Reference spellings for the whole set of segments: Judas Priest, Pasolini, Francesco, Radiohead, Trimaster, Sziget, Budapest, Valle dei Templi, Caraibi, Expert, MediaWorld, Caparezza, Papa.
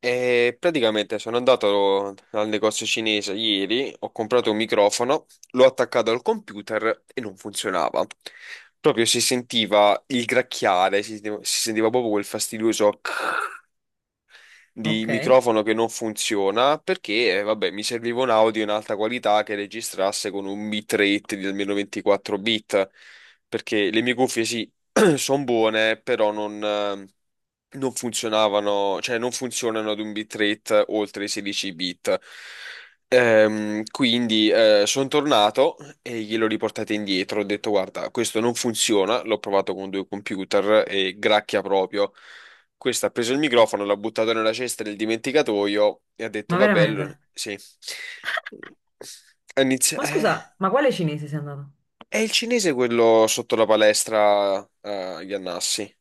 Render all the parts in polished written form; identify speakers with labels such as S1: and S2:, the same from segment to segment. S1: E praticamente sono andato al negozio cinese ieri, ho comprato un microfono, l'ho attaccato al computer e non funzionava. Proprio si sentiva il gracchiare, si sentiva proprio quel fastidioso di
S2: Ok,
S1: microfono che non funziona perché, vabbè, mi serviva un audio in alta qualità che registrasse con un bitrate di almeno 24 bit, perché le mie cuffie sì, sono buone, però non funzionavano, cioè non funzionano ad un bitrate oltre i 16 bit. Quindi sono tornato e glielo riportate indietro. Ho detto: Guarda, questo non funziona. L'ho provato con due computer e gracchia proprio. Questo ha preso il microfono, l'ha buttato nella cesta del dimenticatoio e ha detto:
S2: ma
S1: Vabbè,
S2: veramente?
S1: sì. Ha inizi-
S2: Ma
S1: eh,
S2: scusa, ma quale cinese sei andato?
S1: è il cinese quello sotto la palestra a Iannassi.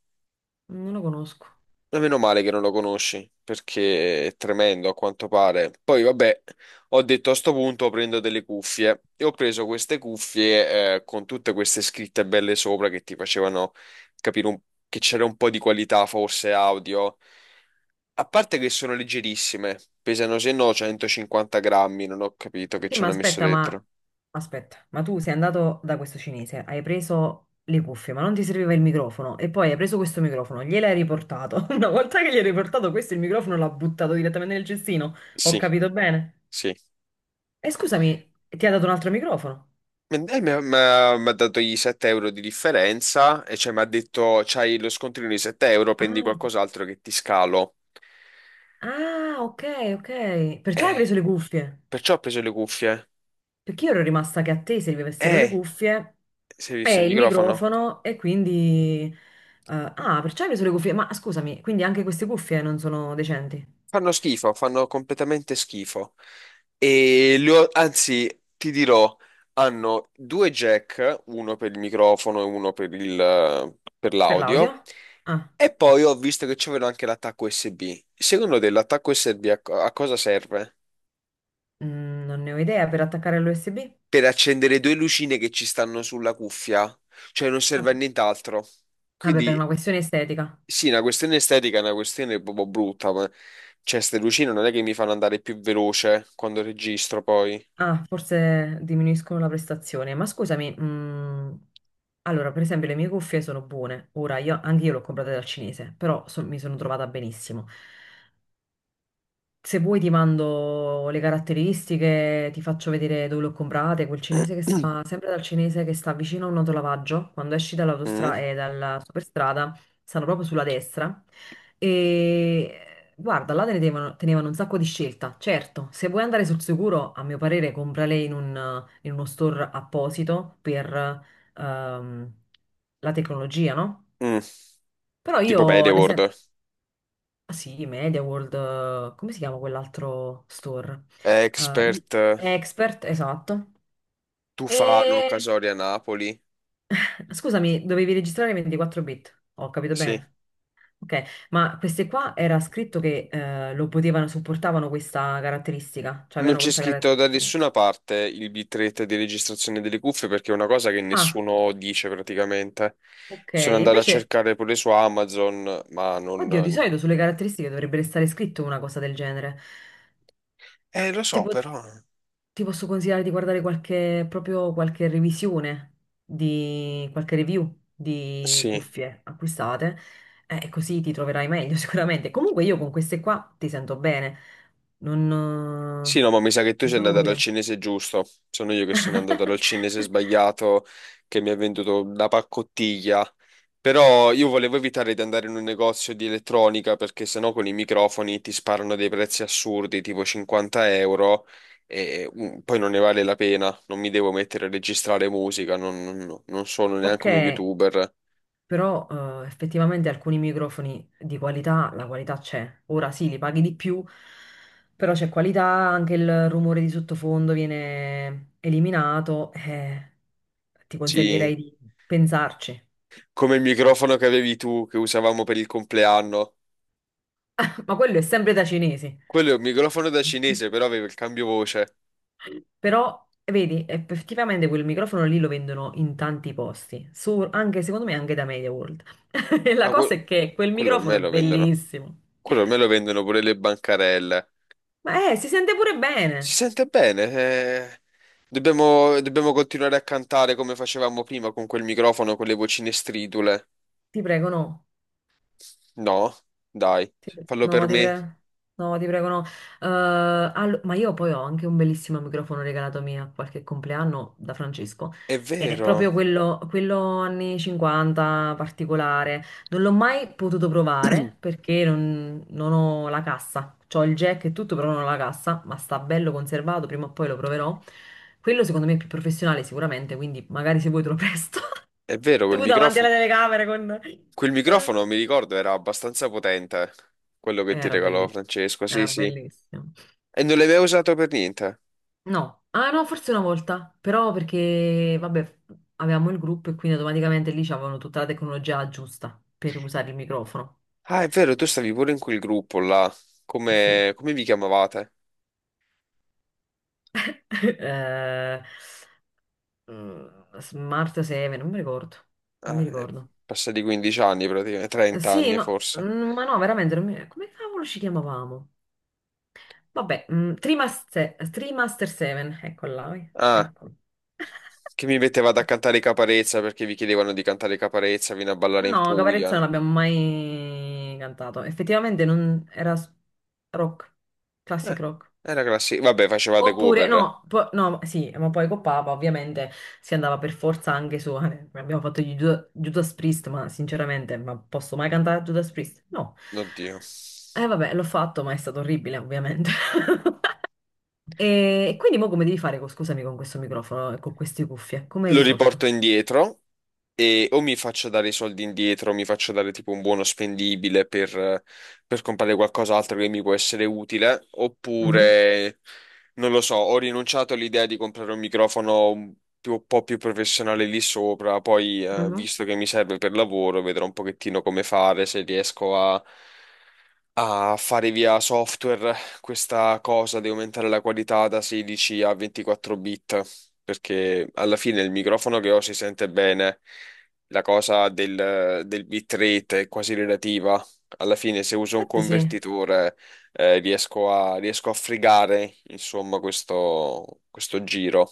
S2: Non lo conosco.
S1: Ma meno male che non lo conosci, perché è tremendo a quanto pare. Poi, vabbè, ho detto a sto punto prendo delle cuffie e ho preso queste cuffie con tutte queste scritte belle sopra che ti facevano capire che c'era un po' di qualità, forse audio. A parte che sono leggerissime, pesano se no 150 grammi, non ho capito che
S2: Sì,
S1: ci
S2: ma
S1: hanno messo
S2: aspetta, ma
S1: dentro.
S2: aspetta, ma tu sei andato da questo cinese, hai preso le cuffie, ma non ti serviva il microfono e poi hai preso questo microfono, gliel'hai riportato. Una volta che gli hai riportato questo, il microfono l'ha buttato direttamente nel cestino. Ho
S1: Sì,
S2: capito bene?
S1: sì.
S2: E scusami, ti ha dato un altro microfono?
S1: Ma dai, Mi ha dato i 7 euro di differenza e cioè mi ha detto c'hai lo scontrino di 7 euro, prendi
S2: Ah,
S1: qualcos'altro che ti scalo.
S2: ah, ok, ok. Perciò hai
S1: Eh,
S2: preso le cuffie?
S1: perciò ho preso le cuffie.
S2: Perché io ero rimasta che a te servivessero le
S1: Eh,
S2: cuffie
S1: si è visto il
S2: e il
S1: microfono?
S2: microfono e quindi... perciò hai preso le cuffie. Ma scusami, quindi anche queste cuffie non sono decenti
S1: Fanno schifo, fanno completamente schifo. Anzi, ti dirò, hanno due jack, uno per il microfono e uno per per
S2: per l'audio?
S1: l'audio.
S2: Ah,
S1: E poi ho visto che c'avevano anche l'attacco USB. Secondo te l'attacco USB a cosa serve?
S2: non ne ho idea, per attaccare all'USB?
S1: Per accendere due lucine che ci stanno sulla cuffia, cioè non serve a
S2: Vabbè.
S1: nient'altro.
S2: Vabbè, per
S1: Quindi
S2: una questione estetica.
S1: sì, una questione estetica è una questione proprio brutta, ma cioè, queste lucine non è che mi fanno andare più veloce quando registro poi.
S2: Ah, forse diminuiscono la prestazione. Ma scusami, allora, per esempio, le mie cuffie sono buone. Ora, io, anche io le ho comprate dal cinese, però mi sono trovata benissimo. Se vuoi ti mando le caratteristiche, ti faccio vedere dove le ho comprate, quel
S1: Mm,
S2: cinese che sta, sempre dal cinese che sta vicino a un autolavaggio, quando esci
S1: mm.
S2: dall'autostrada e dalla superstrada, stanno proprio sulla destra. E guarda, là te ne tenevano, tenevano un sacco di scelta. Certo, se vuoi andare sul sicuro, a mio parere, comprale in uno store apposito per ehm, la tecnologia, no? Però
S1: Tipo
S2: io,
S1: media
S2: ad esempio...
S1: world.
S2: Ah, sì, MediaWorld, come si chiama quell'altro store? Eh,
S1: Expert,
S2: i- Expert, esatto.
S1: Tufano,
S2: E
S1: Casoria, Napoli.
S2: scusami, dovevi registrare 24 bit, ho capito
S1: Sì.
S2: bene? Ok, ma queste qua era scritto che lo potevano, supportavano questa caratteristica, cioè
S1: Non
S2: avevano
S1: c'è
S2: questa
S1: scritto da
S2: caratteristica.
S1: nessuna parte il bitrate di registrazione delle cuffie perché è una cosa che
S2: Ah,
S1: nessuno dice praticamente.
S2: ok,
S1: Sono andato a
S2: invece,
S1: cercare pure su Amazon, ma
S2: oddio, di
S1: non...
S2: solito sulle caratteristiche dovrebbe stare scritto una cosa del genere.
S1: Lo so,
S2: Tipo.
S1: però...
S2: Ti posso consigliare di guardare qualche, proprio qualche revisione di qualche review di
S1: Sì.
S2: cuffie acquistate, e così ti troverai meglio sicuramente. Comunque io con queste qua ti sento bene, non, eh,
S1: Sì, no, ma mi sa che tu
S2: non
S1: sei
S2: sono
S1: andata dal
S2: utile.
S1: cinese giusto. Sono io che sono andato dal cinese sbagliato che mi ha venduto la paccottiglia. Però io volevo evitare di andare in un negozio di elettronica perché sennò con i microfoni ti sparano dei prezzi assurdi, tipo 50 euro, e poi non ne vale la pena. Non mi devo mettere a registrare musica, no, non sono
S2: Ok,
S1: neanche uno youtuber.
S2: però effettivamente alcuni microfoni di qualità, la qualità c'è. Ora sì, li paghi di più, però c'è qualità, anche il rumore di sottofondo viene eliminato. Ti consiglierei
S1: Sì,
S2: di pensarci.
S1: come il microfono che avevi tu, che usavamo per il compleanno.
S2: Ma quello è sempre da cinesi.
S1: Quello è un microfono da cinese, però aveva il cambio voce.
S2: Però, vedi, effettivamente quel microfono lì lo vendono in tanti posti, anche secondo me anche da Media World. E la
S1: Ah,
S2: cosa
S1: que-
S2: è che quel
S1: Quello
S2: microfono
S1: ormai
S2: è
S1: lo vendono.
S2: bellissimo.
S1: Quello ormai lo vendono pure le bancarelle.
S2: Ma si sente pure
S1: Si
S2: bene.
S1: sente bene. Dobbiamo continuare a cantare come facevamo prima con quel microfono, con le vocine stridule.
S2: Ti prego, no.
S1: No, dai,
S2: Ti-
S1: fallo
S2: No,
S1: per
S2: ti
S1: me.
S2: prego. No, ti prego, no. Ma io poi ho anche un bellissimo microfono regalato mio a qualche compleanno da Francesco.
S1: È
S2: Ed è proprio
S1: vero,
S2: quello, quello anni 50 particolare. Non l'ho mai potuto provare perché non ho la cassa. C'ho il jack e tutto, però non ho la cassa, ma sta bello conservato, prima o poi lo proverò. Quello secondo me è più professionale sicuramente, quindi magari se vuoi te lo presto.
S1: è vero quel
S2: Tu davanti alla
S1: microfono.
S2: telecamera con...
S1: Quel microfono, mi ricordo, era abbastanza potente. Quello che ti
S2: Era
S1: regalò
S2: bellissimo,
S1: Francesco, sì,
S2: era
S1: sì.
S2: bellissimo.
S1: E non l'hai mai usato per niente.
S2: No, ah no, forse una volta, però perché, vabbè, avevamo il gruppo e quindi automaticamente lì c'avevano tutta la tecnologia giusta per usare il microfono.
S1: Ah, è vero, tu stavi pure in quel gruppo là.
S2: Sì.
S1: Come, come vi chiamavate?
S2: Eh, Smart 7, non mi ricordo, non mi
S1: Ah, è
S2: ricordo.
S1: passati 15 anni praticamente, 30 anni forse.
S2: Veramente, non mi- come cavolo ci chiamavamo? Vabbè, Trimaster, Trimaster 7, eccola,
S1: Ah.
S2: ecco.
S1: Che mi mettevate a cantare i Caparezza perché vi chiedevano di cantare i Caparezza, vieni a ballare in
S2: No, Caparezza
S1: Puglia.
S2: non l'abbiamo mai cantato. Effettivamente non era rock,
S1: Eh,
S2: classic rock.
S1: era classico. Vabbè, facevate
S2: Oppure,
S1: cover.
S2: no, no, sì, ma poi con Papa ovviamente si andava per forza anche su. Abbiamo fatto gli Judas Priest, ma sinceramente, ma posso mai cantare Judas Priest? No.
S1: Oddio.
S2: Eh vabbè, l'ho fatto, ma è stato orribile, ovviamente. E quindi mo come devi fare, scusami, con questo microfono e con queste cuffie? Come hai
S1: Lo riporto
S2: risolto?
S1: indietro. E o mi faccio dare i soldi indietro, o mi faccio dare tipo un buono spendibile per comprare qualcos'altro che mi può essere utile,
S2: Mhm,
S1: oppure non lo so, ho rinunciato all'idea di comprare un microfono un po' più professionale lì sopra, poi
S2: mhm.
S1: visto che mi serve per lavoro, vedrò un pochettino come fare, se riesco a fare via software questa cosa di aumentare la qualità da 16 a 24 bit, perché alla fine il microfono che ho si sente bene, la cosa del bitrate è quasi relativa. Alla fine se uso un
S2: Infatti sì.
S1: convertitore riesco a fregare, insomma, questo giro.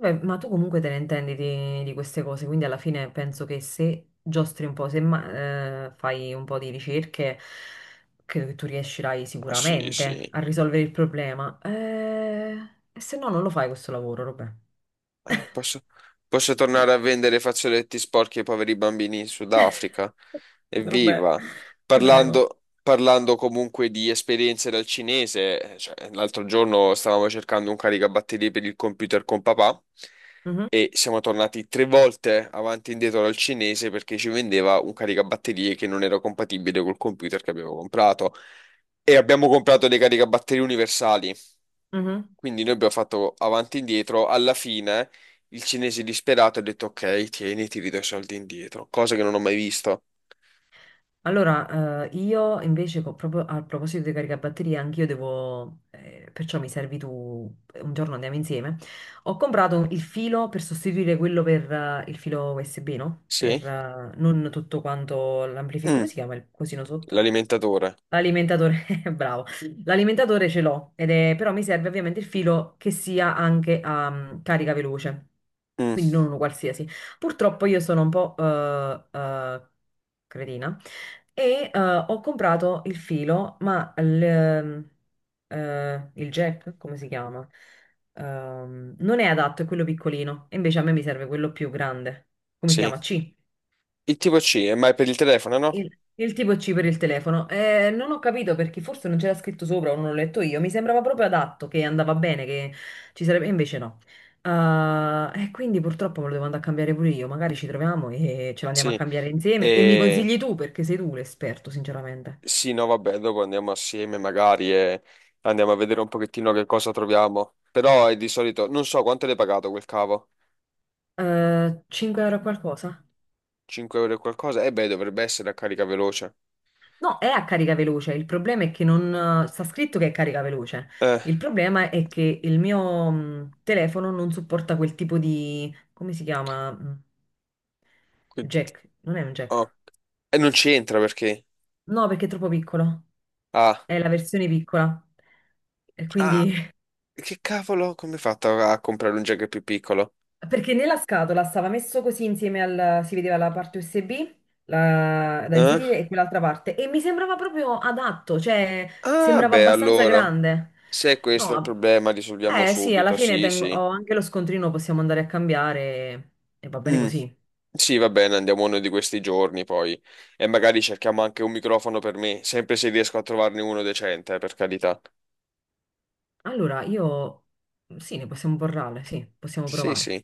S2: Beh, ma tu comunque te ne intendi di queste cose, quindi alla fine penso che se giostri un po', se ma- fai un po' di ricerche, credo che tu riuscirai
S1: Ah, sì,
S2: sicuramente
S1: sì.
S2: a risolvere il problema. E se no non lo fai questo lavoro, Robè.
S1: Ah, posso tornare a vendere fazzoletti sporchi ai poveri bambini in Sudafrica?
S2: Robè,
S1: Evviva!
S2: ti prego.
S1: Parlando comunque di esperienze dal cinese, cioè, l'altro giorno stavamo cercando un caricabatterie per il computer con papà
S2: Mhm,
S1: e siamo tornati tre volte avanti e indietro dal cinese perché ci vendeva un caricabatterie che non era compatibile col computer che avevo comprato. E abbiamo comprato dei caricabatterie universali.
S2: mhm.
S1: Quindi noi abbiamo fatto avanti e indietro. Alla fine il cinese disperato ha detto: Ok, tieni, ti ridò i soldi indietro. Cosa che non ho mai visto.
S2: Allora, io invece, proprio a proposito dei caricabatterie, anch'io devo, perciò mi servi tu, un giorno andiamo insieme. Ho comprato il filo per sostituire quello per il filo USB, no?
S1: Sì?
S2: Per non tutto quanto l'amplificatore,
S1: Mm,
S2: come si chiama il cosino sotto?
S1: l'alimentatore.
S2: L'alimentatore, bravo. L'alimentatore ce l'ho, però mi serve ovviamente il filo che sia anche a carica veloce,
S1: Mm,
S2: quindi non uno qualsiasi. Purtroppo io sono un po' cretina e ho comprato il filo, il jack, come si chiama? Non è adatto, è quello piccolino. E invece a me mi serve quello più grande. Come si
S1: sì.
S2: chiama? C.
S1: Il tipo C, ma è per il telefono, no?
S2: Il tipo C per il telefono. Non ho capito perché forse non c'era scritto sopra o non l'ho letto io. Mi sembrava proprio adatto, che andava bene, che ci sarebbe... e invece no. Ah, e quindi purtroppo me lo devo andare a cambiare pure io. Magari ci troviamo e ce lo andiamo a
S1: Sì.
S2: cambiare insieme. E mi
S1: E
S2: consigli tu, perché sei tu l'esperto, sinceramente.
S1: sì, no, vabbè, dopo andiamo assieme magari e andiamo a vedere un pochettino che cosa troviamo. Però è di solito, non so quanto l'hai pagato quel cavo.
S2: 5 € qualcosa?
S1: 5 euro e qualcosa? Eh beh, dovrebbe essere a carica veloce.
S2: No, è a carica veloce. Il problema è che non... sta scritto che è carica veloce.
S1: Eh,
S2: Il problema è che il mio telefono non supporta quel tipo di... Come si chiama?
S1: quindi...
S2: Jack. Non è un jack.
S1: oh. E non c'entra perché...
S2: No, perché è troppo piccolo.
S1: Ah.
S2: È la versione piccola. E
S1: Ah,
S2: quindi
S1: che cavolo, come hai fatto a comprare un jack più piccolo?
S2: perché nella scatola stava messo così insieme al... si vedeva la parte USB la- da
S1: Eh?
S2: inserire e quell'altra parte e mi sembrava proprio adatto, cioè
S1: Ah,
S2: sembrava
S1: beh,
S2: abbastanza
S1: allora,
S2: grande.
S1: se questo è il
S2: No,
S1: problema, risolviamo
S2: eh sì, alla
S1: subito,
S2: fine
S1: sì,
S2: tengo...
S1: sì.
S2: ho anche lo scontrino, possiamo andare a cambiare e va bene
S1: Mm,
S2: così.
S1: sì, va bene, andiamo uno di questi giorni poi. E magari cerchiamo anche un microfono per me, sempre se riesco a trovarne uno decente, per carità.
S2: Allora, io sì, ne possiamo parlare, sì, possiamo
S1: Sì,
S2: provare.
S1: sì.